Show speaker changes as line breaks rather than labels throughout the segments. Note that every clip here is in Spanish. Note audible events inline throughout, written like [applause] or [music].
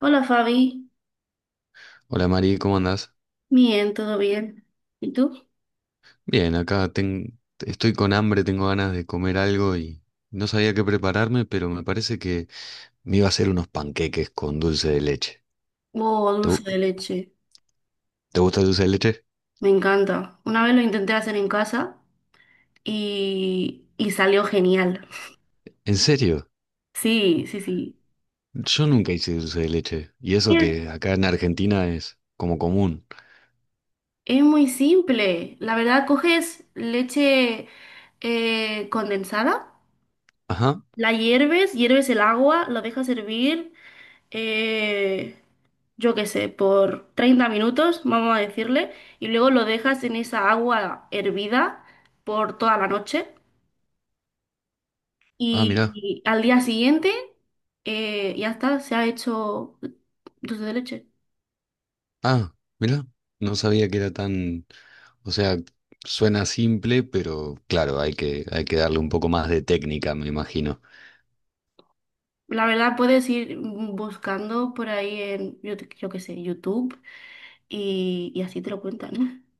Hola Fabi,
Hola Mari, ¿cómo andás?
bien, todo bien. ¿Y tú?
Bien, estoy con hambre, tengo ganas de comer algo y no sabía qué prepararme, pero me parece que me iba a hacer unos panqueques con dulce de leche.
Oh,
¿Te,
dulce
gu-
de leche,
¿Te gusta el dulce de leche?
me encanta. Una vez lo intenté hacer en casa y salió genial.
¿En serio?
Sí, sí, sí.
Yo nunca hice dulce de leche. Y eso
Es,
que acá en Argentina es como común.
es muy simple. La verdad, coges leche condensada,
Ajá.
la hierves, hierves el agua, lo dejas hervir, eh, yo qué sé, por 30 minutos, vamos a decirle, y luego lo dejas en esa agua hervida por toda la noche.
Ah,
Y,
mirá.
y al día siguiente ya está, se ha hecho dulce de leche.
Ah, mirá. No sabía que era tan... O sea, suena simple, pero claro, hay que darle un poco más de técnica, me imagino.
La verdad puedes ir buscando por ahí yo qué sé, YouTube y así te lo cuentan. [laughs]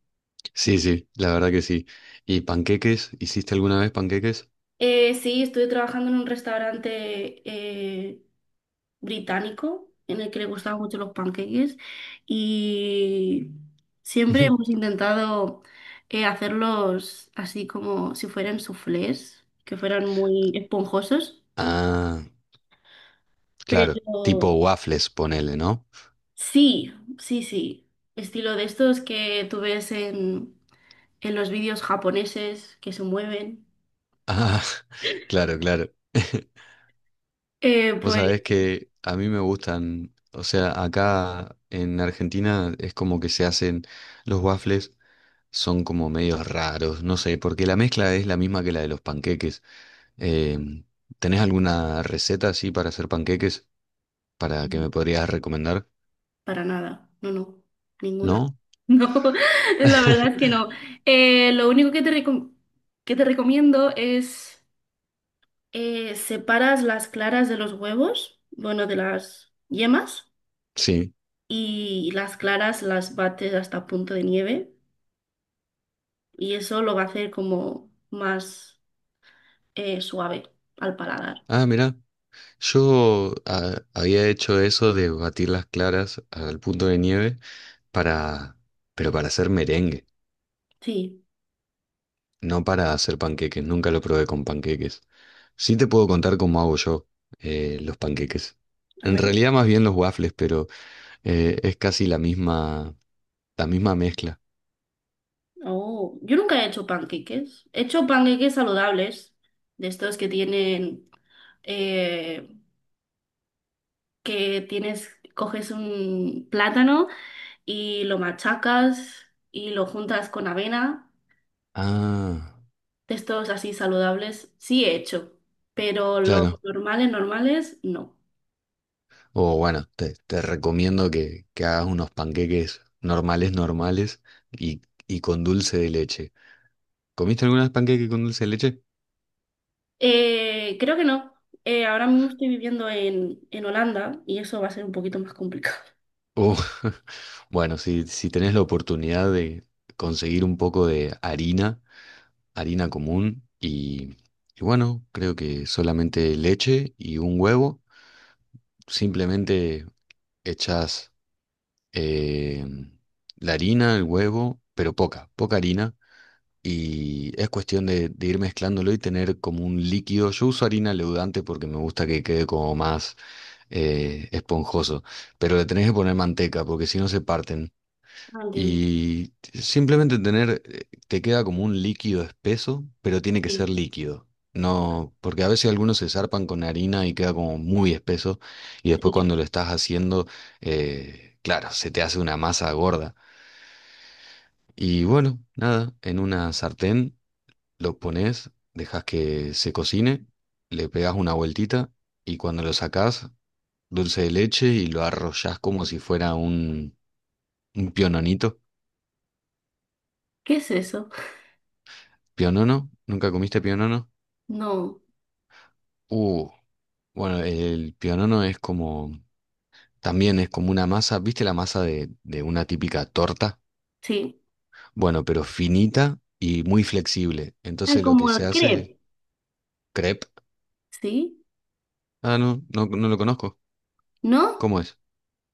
Sí, sí, la verdad que sí. ¿Y panqueques? ¿Hiciste alguna vez panqueques?
Sí, estuve trabajando en un restaurante británico en el que le gustaban mucho los pancakes y
[laughs]
siempre
Ujú.
hemos intentado hacerlos así como si fueran soufflés, que fueran muy esponjosos.
Ah, claro, tipo
Pero
waffles, ponele, ¿no?
sí, sí, sí. Estilo de estos que tú ves en los vídeos japoneses que se mueven.
Ah, [laughs] claro, claro. [laughs]
Eh,
Vos
pues
sabés que a mí me gustan, o sea, acá en Argentina es como que se hacen los waffles, son como medios raros, no sé, porque la mezcla es la misma que la de los panqueques. Em, ¿Tenés alguna receta así para hacer panqueques para que me podrías recomendar?
para nada, no, no, ninguna. [laughs]
¿No?
No, la verdad es que
[laughs]
no. Lo único que te recomiendo es separas las claras de los huevos, bueno, de las yemas,
Sí.
y las claras las bates hasta punto de nieve, y eso lo va a hacer como más... suave al paladar.
Ah, mira, yo había hecho eso de batir las claras al punto de nieve para, pero para hacer merengue,
Sí,
no para hacer panqueques. Nunca lo probé con panqueques. Sí te puedo contar cómo hago yo los panqueques.
a
En
ver.
realidad más bien los waffles, pero es casi la misma mezcla.
Oh, yo nunca he hecho panqueques. He hecho panqueques saludables, de estos que tienen, eh, que tienes, coges un plátano y lo machacas y lo juntas con avena,
Ah,
de estos así saludables. Sí he hecho, pero los
claro.
normales, normales, no.
O bueno, te recomiendo que hagas unos panqueques normales, normales y, y con dulce de leche. ¿Comiste algunas panqueques con dulce de leche?
Creo que no. Ahora mismo estoy viviendo en Holanda y eso va a ser un poquito más complicado.
Uh, [laughs] bueno, si, si tenés la oportunidad de conseguir un poco de harina, harina común, y bueno, creo que solamente leche y un huevo, simplemente echás eh, la harina, el huevo, pero poca, poca harina, y es cuestión de ir mezclándolo y tener como un líquido. Yo uso harina leudante porque me gusta que quede como más esponjoso, pero le tenés que poner manteca porque si no se parten.
No entiendo.
Y simplemente tener, te queda como un líquido espeso, pero tiene que ser
Sí.
líquido. No, porque a veces algunos se zarpan con harina y queda como muy espeso y después cuando lo estás haciendo, claro, se te hace una masa gorda. Y bueno, nada, en una sartén lo pones, dejas que se cocine, le pegas una vueltita y cuando lo sacás dulce de leche y lo arrollás como si fuera un piononito.
¿Qué es eso?
¿Pionono? ¿Nunca comiste pionono?
No,
Uh, bueno, el pionono es como, también es como una masa, ¿viste la masa de una típica torta?
sí,
Bueno, pero finita y muy flexible.
Ah,
Entonces lo que
como el
se
crepe.
hace, crepe.
Sí,
Ah, no, no, no lo conozco.
¿no?
¿Cómo es?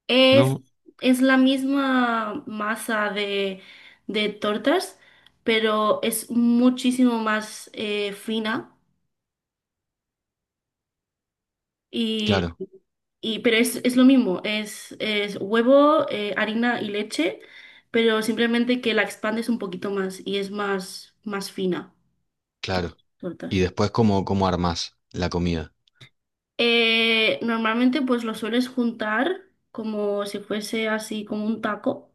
Es,
No,
es la misma masa de tortas, pero es muchísimo más fina y,
claro,
y pero es lo mismo, es huevo, harina y leche, pero simplemente que la expandes un poquito más y es más, más fina que las
claro. Y
tortas.
después, ¿cómo, cómo armás la comida?
Normalmente pues lo sueles juntar como si fuese así como un taco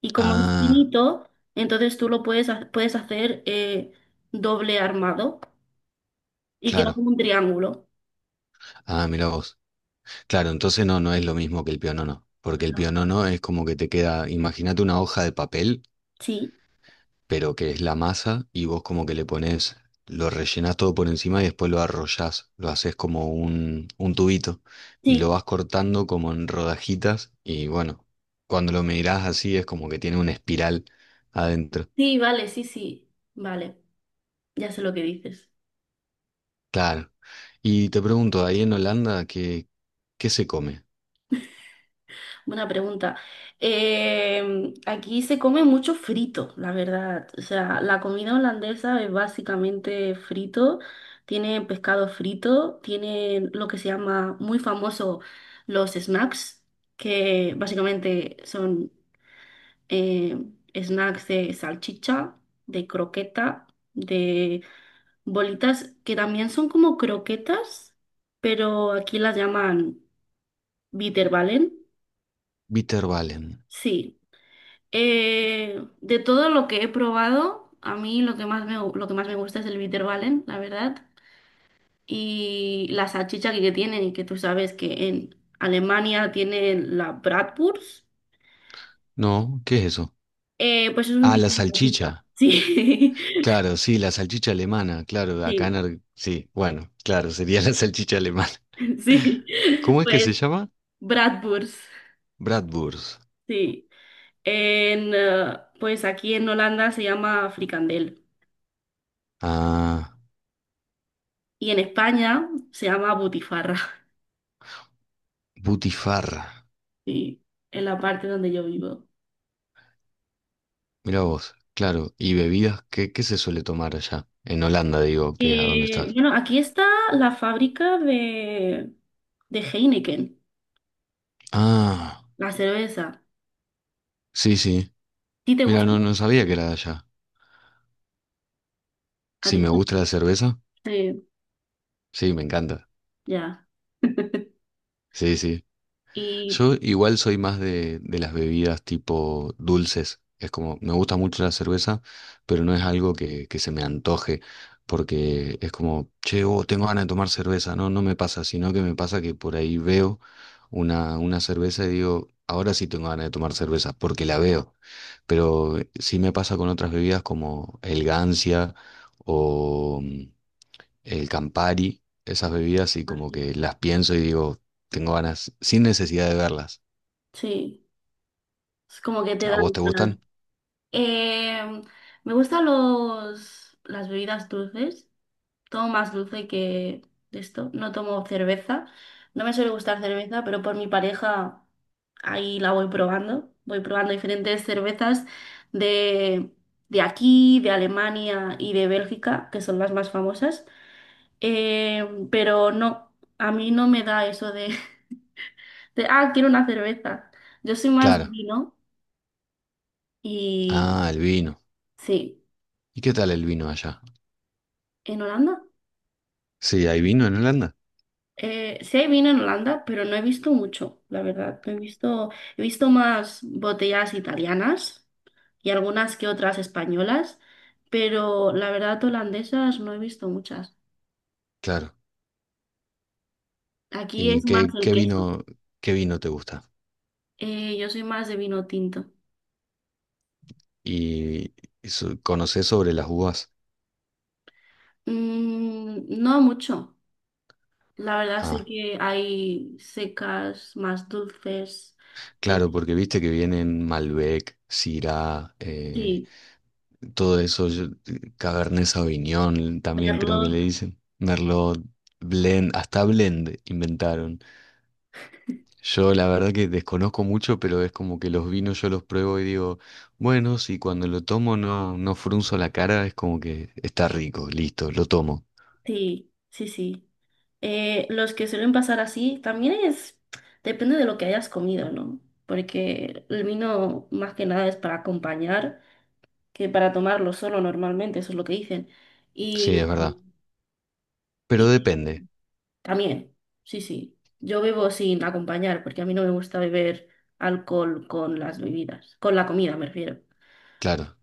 y como es
Ah,
finito, entonces tú puedes hacer doble armado y queda
claro.
como un triángulo.
Ah, mira vos. Claro, entonces no, no es lo mismo que el pionono, porque el
No.
pionono es como que te queda, imagínate una hoja de papel,
Sí,
pero que es la masa y vos como que le pones, lo rellenás todo por encima y después lo arrollás, lo haces como un tubito y lo
sí,
vas cortando como en rodajitas y bueno, cuando lo mirás así es como que tiene una espiral adentro.
sí, vale, sí, sí, vale, ya sé lo que dices.
Claro. Y te pregunto, ahí en Holanda, ¿qué, qué se come?
Buena pregunta. Aquí se come mucho frito, la verdad. O sea, la comida holandesa es básicamente frito. Tiene pescado frito, tiene lo que se llama muy famoso los snacks, que básicamente son eh, snacks de salchicha, de croqueta, de bolitas que también son como croquetas, pero aquí las llaman bitterballen.
Bitterballen.
Sí, de todo lo que he probado, a mí lo que más lo que más me gusta es el Ballen, la verdad, y la salchicha que tienen y que tú sabes que en Alemania tienen la Bratwurst,
No, ¿qué es eso?
pues es un
Ah, la
tipo de salchicha.
salchicha.
Sí,
Claro, sí, la salchicha alemana,
[laughs]
claro,
sí,
Sí, bueno, claro, sería [laughs] la salchicha alemana.
sí,
[laughs] ¿Cómo es que
pues
se llama?
Bratwurst,
Bratwurst.
sí. Pues aquí en Holanda se llama fricandel
Ah,
y en España se llama butifarra,
butifarra.
[laughs] sí, en la parte donde yo vivo.
Mira vos, claro. ¿Y bebidas? ¿Qué, qué se suele tomar allá? En Holanda, digo, que a dónde estás.
Bueno, aquí está la fábrica de Heineken,
Ah,
la cerveza. ¿A
sí, sí.
ti te
Mira,
gusta?
no, no sabía que era de allá.
A
Sí,
ti
me gusta la
también.
cerveza.
Sí,
Sí, me encanta.
ya. [laughs]
Sí, sí.
Y
Yo igual soy más de las bebidas tipo dulces. Es como, me gusta mucho la cerveza, pero no es algo que se me antoje, porque es como, che, oh, tengo ganas de tomar cerveza. No, no me pasa, sino que me pasa que por ahí veo una cerveza y digo, ahora sí tengo ganas de tomar cerveza, porque la veo. Pero sí me pasa con otras bebidas como el Gancia o el Campari, esas bebidas y como
así,
que las pienso y digo, tengo ganas, sin necesidad de verlas.
sí, es como que te
¿A
dan
vos te
ganas.
gustan?
Eh, Me gustan las bebidas dulces. Tomo más dulce que de esto, no tomo cerveza, no me suele gustar cerveza, pero por mi pareja ahí la voy probando diferentes cervezas de, de aquí, de Alemania y de Bélgica, que son las más famosas. Pero no, a mí no me da eso de, [laughs] de, ah, quiero una cerveza, yo soy más de
Claro.
vino y
Ah, el vino.
sí,
¿Y qué tal el vino allá?
en Holanda.
Sí, ¿hay vino en Holanda?
Sí hay vino en Holanda, pero no he visto mucho, la verdad. No he visto, he visto más botellas italianas y algunas que otras españolas, pero la verdad holandesas no he visto muchas.
Claro.
Aquí
¿Y
es más
qué,
el
qué
queso.
vino, qué vino te gusta?
Yo soy más de vino tinto.
¿Y eso- conocés sobre las uvas?
Mm, no mucho. La verdad sé
Ah,
que hay secas, más dulces. eh,
claro, porque viste que vienen Malbec, Syrah,
sí,
todo eso, yo- Cabernet Sauvignon, también creo que le
merlot.
dicen. Merlot, Blend, hasta Blend inventaron. Yo la verdad que desconozco mucho, pero es como que los vinos yo los pruebo y digo, bueno, si cuando lo tomo no, no frunzo la cara, es como que está rico, listo, lo tomo.
Sí, sí, sí. Los que suelen pasar así también es, depende de lo que hayas comido, ¿no? Porque el vino más que nada es para acompañar que para tomarlo solo normalmente, eso es lo que dicen.
Sí, es
Y,
verdad. Pero
y
depende,
también, sí, sí. Yo bebo sin acompañar porque a mí no me gusta beber alcohol con las bebidas, con la comida me refiero.
claro.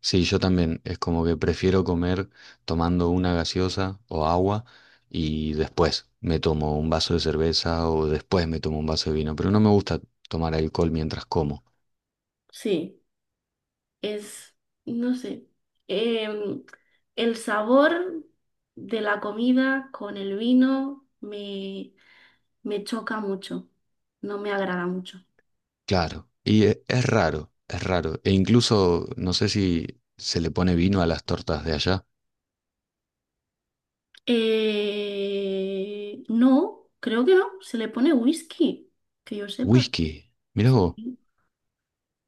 Sí, yo también, es como que prefiero comer tomando una gaseosa o agua y después me tomo un vaso de cerveza o después me tomo un vaso de vino, pero no me gusta tomar alcohol mientras como.
Sí. es, no sé, em, el sabor de la comida con el vino me, me choca mucho, no me agrada mucho.
Claro, y e- es raro, es raro. E incluso no sé si se le pone vino a las tortas de allá.
No, creo que no, se le pone whisky, que yo sepa,
Whisky, mirá vos.
sí,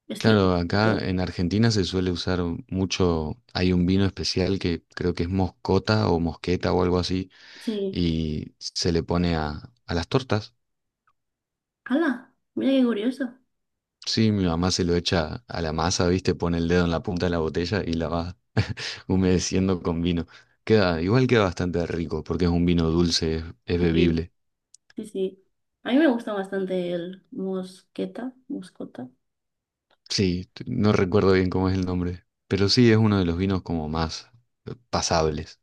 estilo.
Claro, acá
Poquito.
en Argentina se suele usar mucho, hay un vino especial que creo que es moscota o mosqueta o algo así,
Sí,
y se le pone a las tortas.
¡hala! Mira qué curioso.
Sí, mi mamá se lo echa a la masa, ¿viste? Pone el dedo en la punta de la botella y la va humedeciendo con vino. Queda, igual queda bastante rico porque es un vino dulce, es
Sí,
bebible.
sí, sí. A mí me gusta bastante el mosqueta, moscota.
Sí, t- no recuerdo bien cómo es el nombre, pero sí es uno de los vinos como más pasables.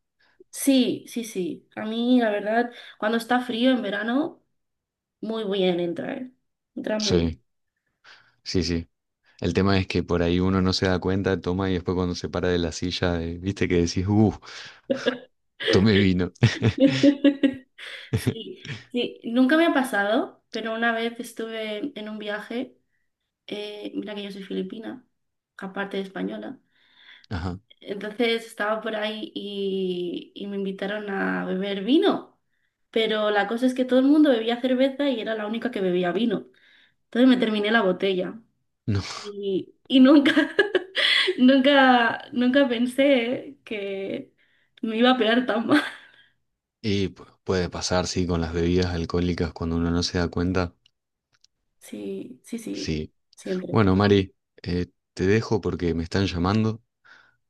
Sí, sí, sí. A mí, la verdad, cuando está frío en verano, muy bien entra, ¿eh? Entra muy
Sí, sí, sí. El tema es que por ahí uno no se da cuenta, toma y después cuando se para de la silla, viste que decís, tomé vino.
bien. [laughs] Sí,
[laughs]
sí. Nunca me ha pasado, pero una vez estuve en un viaje, mira que yo soy filipina, aparte de española.
Ajá.
Entonces estaba por ahí y me invitaron a beber vino, pero la cosa es que todo el mundo bebía cerveza y era la única que bebía vino. Entonces me terminé la botella
No.
y nunca, [laughs] nunca, nunca pensé que me iba a pegar tan mal.
Y pu- puede pasar, sí, con las bebidas alcohólicas cuando uno no se da cuenta.
Sí, sí, sí,
Sí.
siempre.
Bueno, Mari, te dejo porque me están llamando.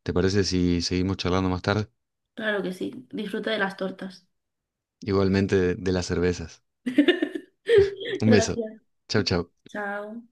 ¿Te parece si seguimos charlando más tarde?
Claro que sí. Disfruta de las tortas.
Igualmente de las cervezas.
[laughs]
Un beso.
Gracias.
Chau, chau.
Chao.